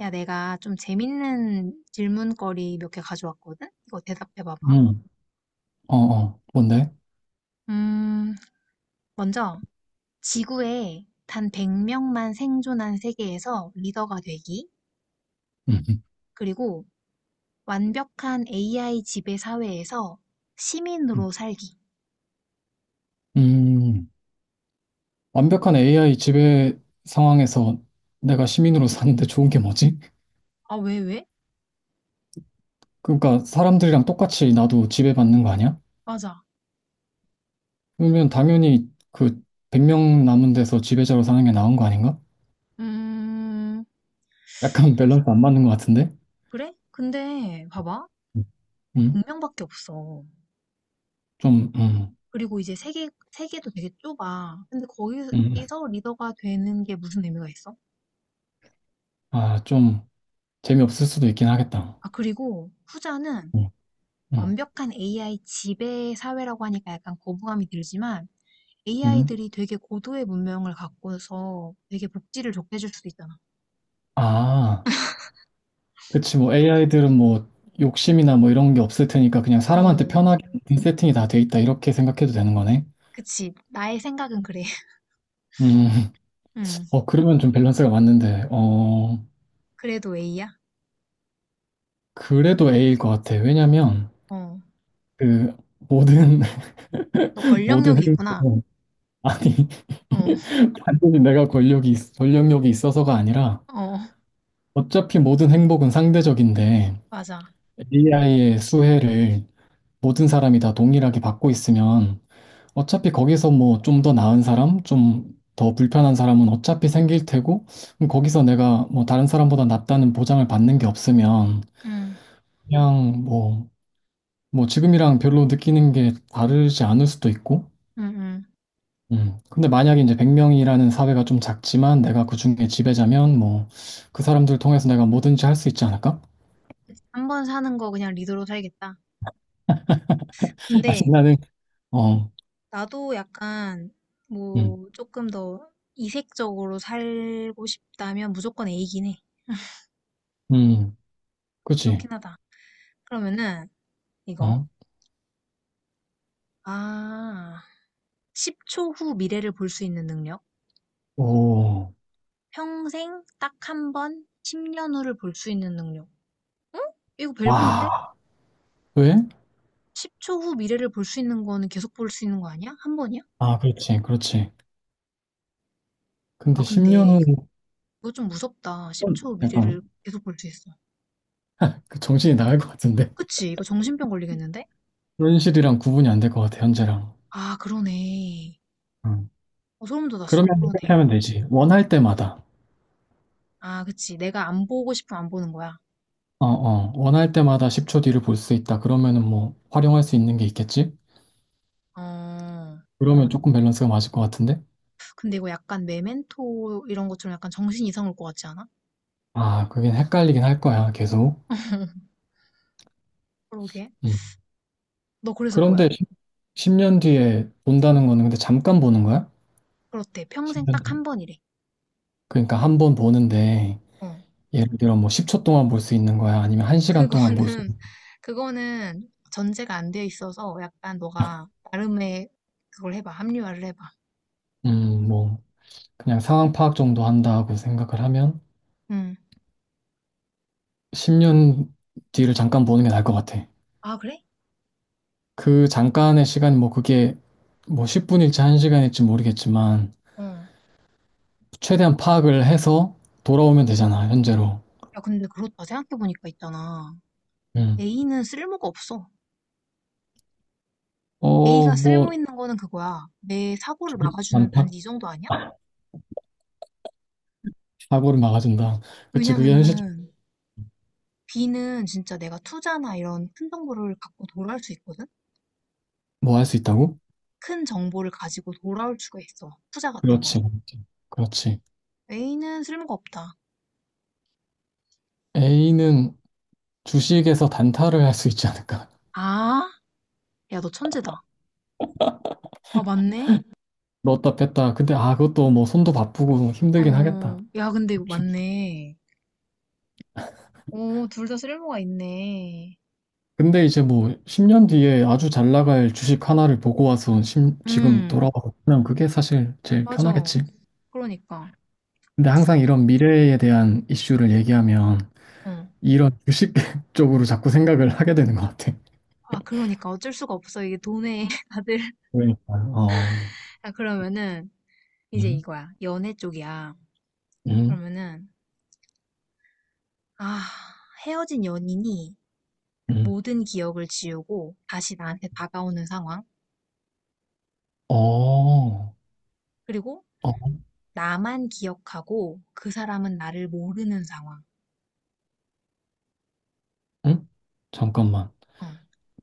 야, 내가 좀 재밌는 질문거리 몇 개 가져왔거든? 이거 대답해봐봐. 음, 어, 어, 뭔데? 음, 먼저, 지구에 단 100명만 생존한 세계에서 리더가 되기, 음, 음, 그리고 완벽한 AI 지배 사회에서 음. 시민으로 살기. 음, 완벽한 AI 지배 상황에서 내가 시민으로 사는데 좋은 게 뭐지? 아, 왜, 왜? 그러니까 사람들이랑 똑같이 나도 지배받는 거 아니야? 맞아. 그러면 당연히 그 100명 남은 데서 지배자로 사는 게 나은 거 아닌가? 음, 약간 밸런스 안 맞는 것 같은데? 그래? 근데, 봐봐. 음, 100명밖에 없어. 좀, 음, 그리고 이제 세계도 되게 좁아. 근데 음, 거기서 리더가 되는 게 무슨 의미가 있어? 아, 좀 재미없을 수도 있긴 하겠다. 아, 그리고 후자는 음, 음, 완벽한 AI 지배 사회라고 하니까 약간 거부감이 들지만 음. AI들이 되게 고도의 문명을 갖고서 되게 복지를 좋게 해줄 수도 있잖아. 아. 그치, 뭐 AI들은 뭐 욕심이나 뭐 이런 게 없을 테니까 그냥 사람한테 어, 편하게 세팅이 다 돼 있다 이렇게 생각해도 되는 거네. 그치. 나의 생각은 그래. 음, 음, 그러면 좀 밸런스가 맞는데, 어, 그래도 A야? 그래도 A일 것 같아. 왜냐면 어. 그 모든, 너 모든 권력력이 있구나. 행복은 아니, 어, 단순히 내가 권력이, 권력력이 있어서가 아니라 어, 어차피 모든 행복은 상대적인데 맞아. AI의 수혜를 모든 사람이 다 동일하게 받고 있으면 어차피 거기서 뭐 좀 더 나은 사람, 좀 더 불편한 사람은 어차피 생길 테고, 그럼 거기서 내가 뭐 다른 사람보다 낫다는 보장을 받는 게 없으면, 음, 그냥 뭐 지금이랑 별로 느끼는 게 다르지 않을 수도 있고, 음, 음. 근데 만약에 이제 100명이라는 사회가 좀 작지만 내가 그 중에 지배자면 뭐, 그 사람들 통해서 내가 뭐든지 할 수 있지 않을까? 한 번 사는 거 그냥 리더로 살겠다. 아니, 근데 나는, 어, 나도 약간 음, 뭐 조금 더 이색적으로 살고 싶다면 무조건 A긴 해. 음, 그치, 그렇긴 하다. 그러면은 이거. 어, 아, 10초 후 미래를 볼 수 있는 능력. 오, 평생 딱 한 번, 10년 후를 볼 수 있는 능력. 응? 이거 벨붕인데? 와, 왜? 10초 후 미래를 볼 수 있는 거는 계속 볼 수 있는 거 아니야? 한 번이야? 아, 그렇지, 그렇지. 근데 아, 10년 근데 이거 후. 좀 무섭다. 10초 후 미래를 약간 계속 볼 수 있어. 그 정신이 나갈 것 같은데. 그치? 이거 정신병 걸리겠는데? 현실이랑 구분이 안 될 것 같아, 현재랑. 아, 그러네. 음. 어, 소름 돋았어. 그러면 이렇게 그러네. 하면 되지, 원할 때마다. 아, 그치. 내가 안 보고 싶으면 안 보는 거야. 어어, 원할 때마다 10초 뒤를 볼 수 있다 그러면은 뭐 활용할 수 있는 게 있겠지. 어, 그러면 조금 밸런스가 맞을 것 같은데. 근데 이거 약간 메멘토 이런 것처럼 약간 정신 이상 올 것 같지 않아? 아, 그게 헷갈리긴 할 거야, 계속. 그러게. 음. 너 그래서 뭐야? 그런데 10 년 뒤에 본다는 거는 근데 잠깐 보는 거야? 그렇대. 평생 10년 딱 뒤에 한 번이래. 그러니까 한 번 보는데, 어, 예를 들어 뭐 10초 동안 볼 수 있는 거야 아니면 그거는, 1시간 동안. 그거는 전제가 안 돼 있어서 약간 너가 나름의 그걸 해봐. 합리화를 해봐. 볼수음뭐 그냥 상황 파악 정도 한다고 생각을 하면 응, 10년 뒤를 잠깐 보는 게 나을 것 같아. 아, 그래? 그 잠깐의 시간이 뭐 그게 뭐 10분일지 1시간일지 모르겠지만, 어. 최대한 파악을 해서 돌아오면 되잖아, 현재로. 야, 근데 그렇다. 생각해보니까 있잖아. 음. A는 쓸모가 없어. 어, A가 쓸모 뭐 있는 거는 그거야. 내 사고를 주식 막아주는 반타 단지 이 정도 아니야? 사고를 막아준다. 그치, 그게 현실. 왜냐면은 B는 진짜 내가 투자나 이런 큰 정보를 갖고 돌아올 수 있거든? 뭐 할 수 있다고? 큰 정보를 가지고 돌아올 수가 있어. 투자 같은 거. 그렇지, 그렇지. 그렇지. A는 쓸모가 없다. A는 주식에서 단타를 할 수 있지 않을까? 아, 야, 너 천재다. 아, 맞네? 넣었다 뺐다. 근데 아, 그것도 뭐 손도 바쁘고 힘들긴 하겠다. 어, 야, 근데 이거 맞네. 오, 둘 다 쓸모가 있네. 근데 이제 뭐 10년 뒤에 아주 잘 나갈 주식 하나를 보고 와서 지금 음, 돌아와서 그냥 그게 사실 제일 맞아. 편하겠지. 그러니까. 근데 항상 이런 미래에 대한 이슈를 얘기하면 어. 이런 주식 쪽으로 자꾸 생각을 하게 되는 것 같아. 아, 그러니까. 어쩔 수가 없어. 이게 돈에 다들. 그러니까. 어, 아, 그러면은, 이제 음, 이거야. 연애 쪽이야. 음, 그러면은, 아, 헤어진 연인이 음. 모든 기억을 지우고 다시 나한테 다가오는 상황. 어, 어, 그리고 나만 기억하고 그 사람은 나를 모르는 상황. 응? 잠깐만. 어.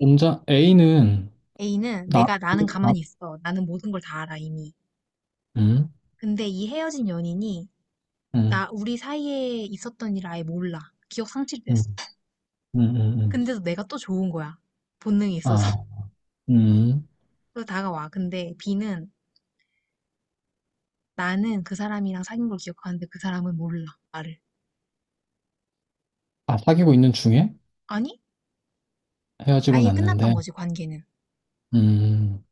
혼자 A는. A는 나, 내가 나는 나, 가만히 있어. 나는 모든 걸 다 알아, 이미. 음, 근데 이 헤어진 연인이 음, 나, 우리 사이에 있었던 일 아예 몰라. 기억 음, 상실됐어. 음, 음, 음. 근데도 내가 또 좋은 거야. 본능이 있어서. 아, 음. 그래서 다가와. 근데 B는 나는 그 사람이랑 사귄 걸 기억하는데 그 사람은 몰라, 나를. 아, 사귀고 있는 중에 아니? 헤어지고 아예 끝났던 났는데. 거지, 관계는. 음.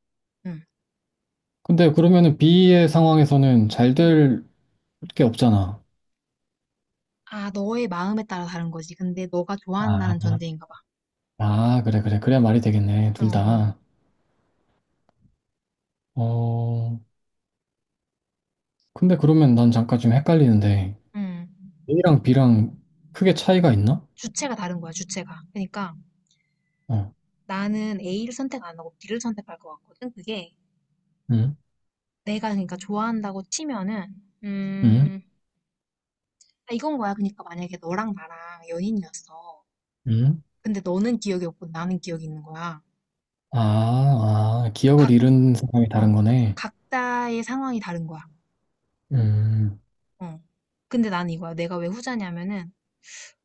응. 근데 그러면은 B의 상황에서는 잘 응. 될 게 없잖아. 아, 너의 마음에 따라 다른 거지. 근데 너가 좋아한다는 아, 전제인가 봐. 아, 그래, 그래. 그래야 말이 되겠네, 어, 둘 어. 다. 어, 근데 그러면 난 잠깐 좀 헷갈리는데, 응. A랑 B랑 크게 차이가 있나? 주체가 다른 거야, 주체가. 그러니까 어, 나는 A를 선택 안 하고 B를 선택할 것 같거든. 그게 응, 내가 그러니까 좋아한다고 치면은 응, 음 아, 이건 거야. 그러니까 만약에 너랑 나랑 연인이었어. 응. 근데 너는 기억이 없고 나는 기억이 있는 거야. 아, 아, 기억을 각, 잃은 사람이 다른 어, 거네. 각자의 상황이 다른 거야. 음, 어. 근데 난 이거야. 내가 왜 후자냐면은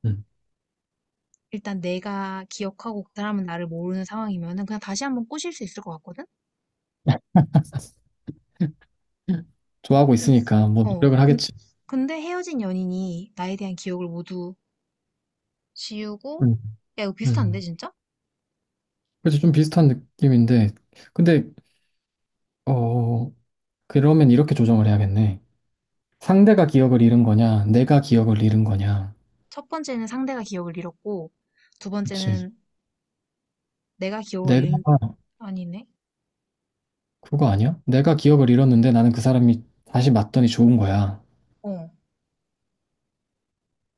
음. 일단 내가 기억하고 그 사람은 나를 모르는 상황이면은 그냥 다시 한번 꼬실 수 있을 것 같거든. 좋아하고 근, 있으니까 뭐 어, 노력을 근, 하겠지. 근데 헤어진 연인이 나에 대한 기억을 모두 지우고 음, 야 이거 비슷한데 음. 진짜? 그래서 좀 비슷한 느낌인데, 근데, 어, 그러면 이렇게 조정을 해야겠네. 상대가 기억을 잃은 거냐, 내가 기억을 잃은 거냐. 첫 번째는 상대가 기억을 잃었고, 두 그치. 번째는 내가 기억을 잃은, 내가, 아니네. 그거 아니야? 내가 기억을 잃었는데 나는 그 사람이 다시 맞더니 좋은 거야. 어,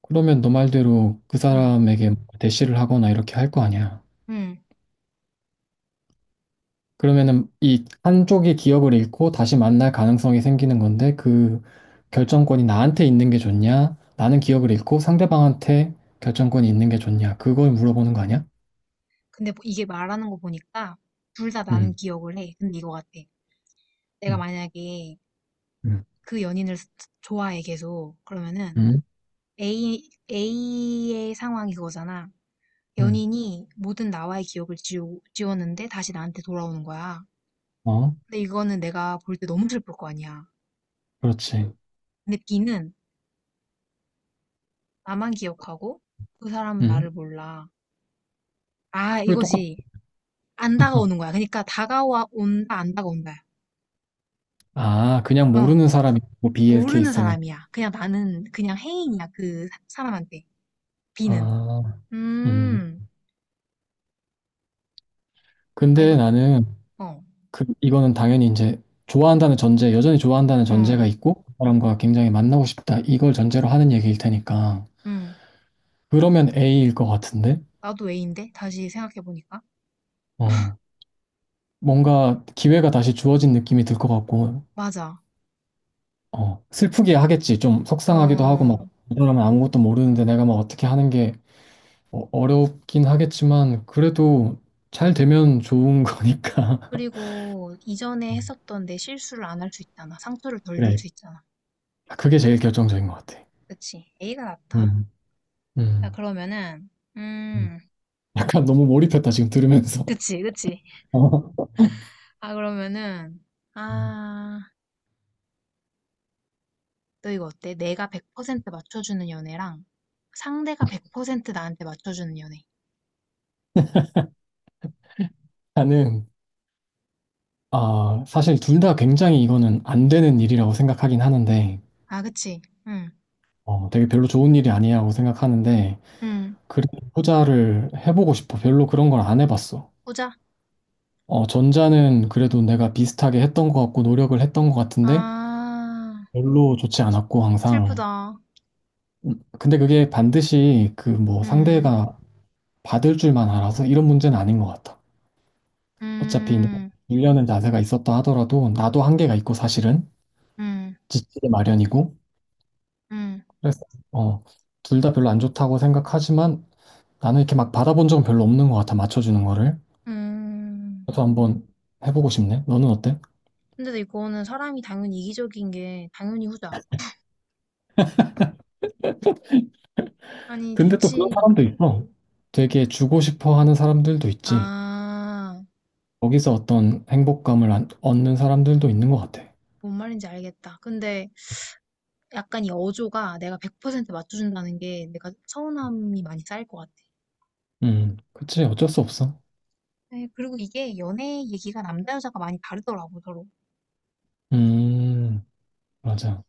그러면 너 말대로 그 응, 사람에게 대시를 하거나 이렇게 할 거 아니야. 응. 그러면은 이 한쪽이 기억을 잃고 다시 만날 가능성이 생기는 건데, 그 결정권이 나한테 있는 게 좋냐? 나는 기억을 잃고 상대방한테 결정권이 있는 게 좋냐? 그걸 물어보는 거 아니야? 근데 뭐 이게 말하는 거 보니까 둘 다 나는 응, 기억을 해. 근데 이거 같아. 내가 응, 만약에 응, 그 연인을 스- 좋아해 계속 그러면은 응, A의 상황이 그거잖아. 응. 연인이 모든 나와의 기억을 지웠는데 다시 나한테 돌아오는 거야. 어, 근데 이거는 내가 볼 때 너무 슬플 거 아니야. 그렇지. 근데 B는 나만 기억하고 그 사람은 응. 나를 몰라. 아, 그게 똑같. 이거지. 안 다가오는 거야. 그러니까 다가와 온다, 안 다가온다. 아, 그냥 어, 모르는 사람이 고 BL 모르는 케이스는. 사람이야. 그냥 나는 그냥 해인이야. 그 사람한테. B는. 아, 음. 음, 아, 이거, 근데 나는 어, 그 이거는 당연히 이제 좋아한다는 전제, 여전히 좋아한다는 전제가 어, 있고 그 사람과 굉장히 만나고 싶다. 이걸 전제로 하는 얘기일 테니까. 음. 그러면 A일 것 같은데. 나도 A인데? 다시 생각해보니까. 어. 뭔가 기회가 다시 주어진 느낌이 들 것 같고. 맞아. 어. 슬프게 하겠지. 좀 속상하기도 하고 막 어, 이 사람은 아무것도 모르는데 내가 막 어떻게 하는 게 어렵긴 하겠지만 그래도 잘 되면 좋은 거니까. 그리고 이전에 했었던 내 실수를 안 할 수 있잖아. 상처를 덜 줄 그래, 수 있잖아. 그게 제일 결정적인 것 같아. 그치. A가 낫다. 음, 자, 음. 그러면은, 음, 음, 약간 너무 몰입했다, 지금 들으면서. 그치, 그치. 어, 아, 그러면은, 음, 아, 너 이거 어때? 내가 100% 맞춰주는 연애랑 상대가 100% 나한테 맞춰주는 연애. 나는, 아, 사실 둘 다 굉장히 이거는 안 되는 일이라고 생각하긴 하는데, 아, 그치? 응, 되게 별로 좋은 일이 아니라고 생각하는데, 응. 그래도 후자를 해보고 싶어. 별로 그런 걸 안 해봤어. 보자. 전자는 그래도 내가 비슷하게 했던 것 같고, 노력을 했던 것 같은데, 아, 별로 좋지 않았고, 항상. 슬프다. 근데 그게 반드시 그 뭐 응, 상대가 받을 줄만 알아서 이런 문제는 아닌 것 같아. 어차피 응, 1년은 자세가 있었다 하더라도 나도 한계가 있고 사실은 응, 지치기 마련이고 응, 그래서 어, 둘 다 별로 안 좋다고 생각하지만 나는 이렇게 막 받아본 적은 별로 없는 것 같아 맞춰주는 거를 응. 그래서 한번 해보고 싶네. 너는 어때? 근데 이거는 사람이 당연히 이기적인 게 당연히 후자. 아니, 근데 또 그런 좋지. 사람도 있어, 되게 주고 싶어 하는 사람들도 있지. 아, 거기서 어떤 행복감을 얻는 사람들도 있는 것 같아. 뭔 말인지 알겠다. 근데 약간 이 어조가 내가 100% 맞춰준다는 게 내가 서운함이 많이 쌓일 것 같아. 음. 그치. 어쩔 수 없어. 네, 그리고 이게 연애 얘기가 남자 여자가 많이 다르더라고 서로. 음. 맞아.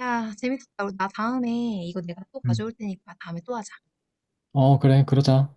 야, 재밌었다. 우리 나 다음에 이거 내가 또 음. 가져올 테니까 다음에 또 하자. 어, 그래, 그러자.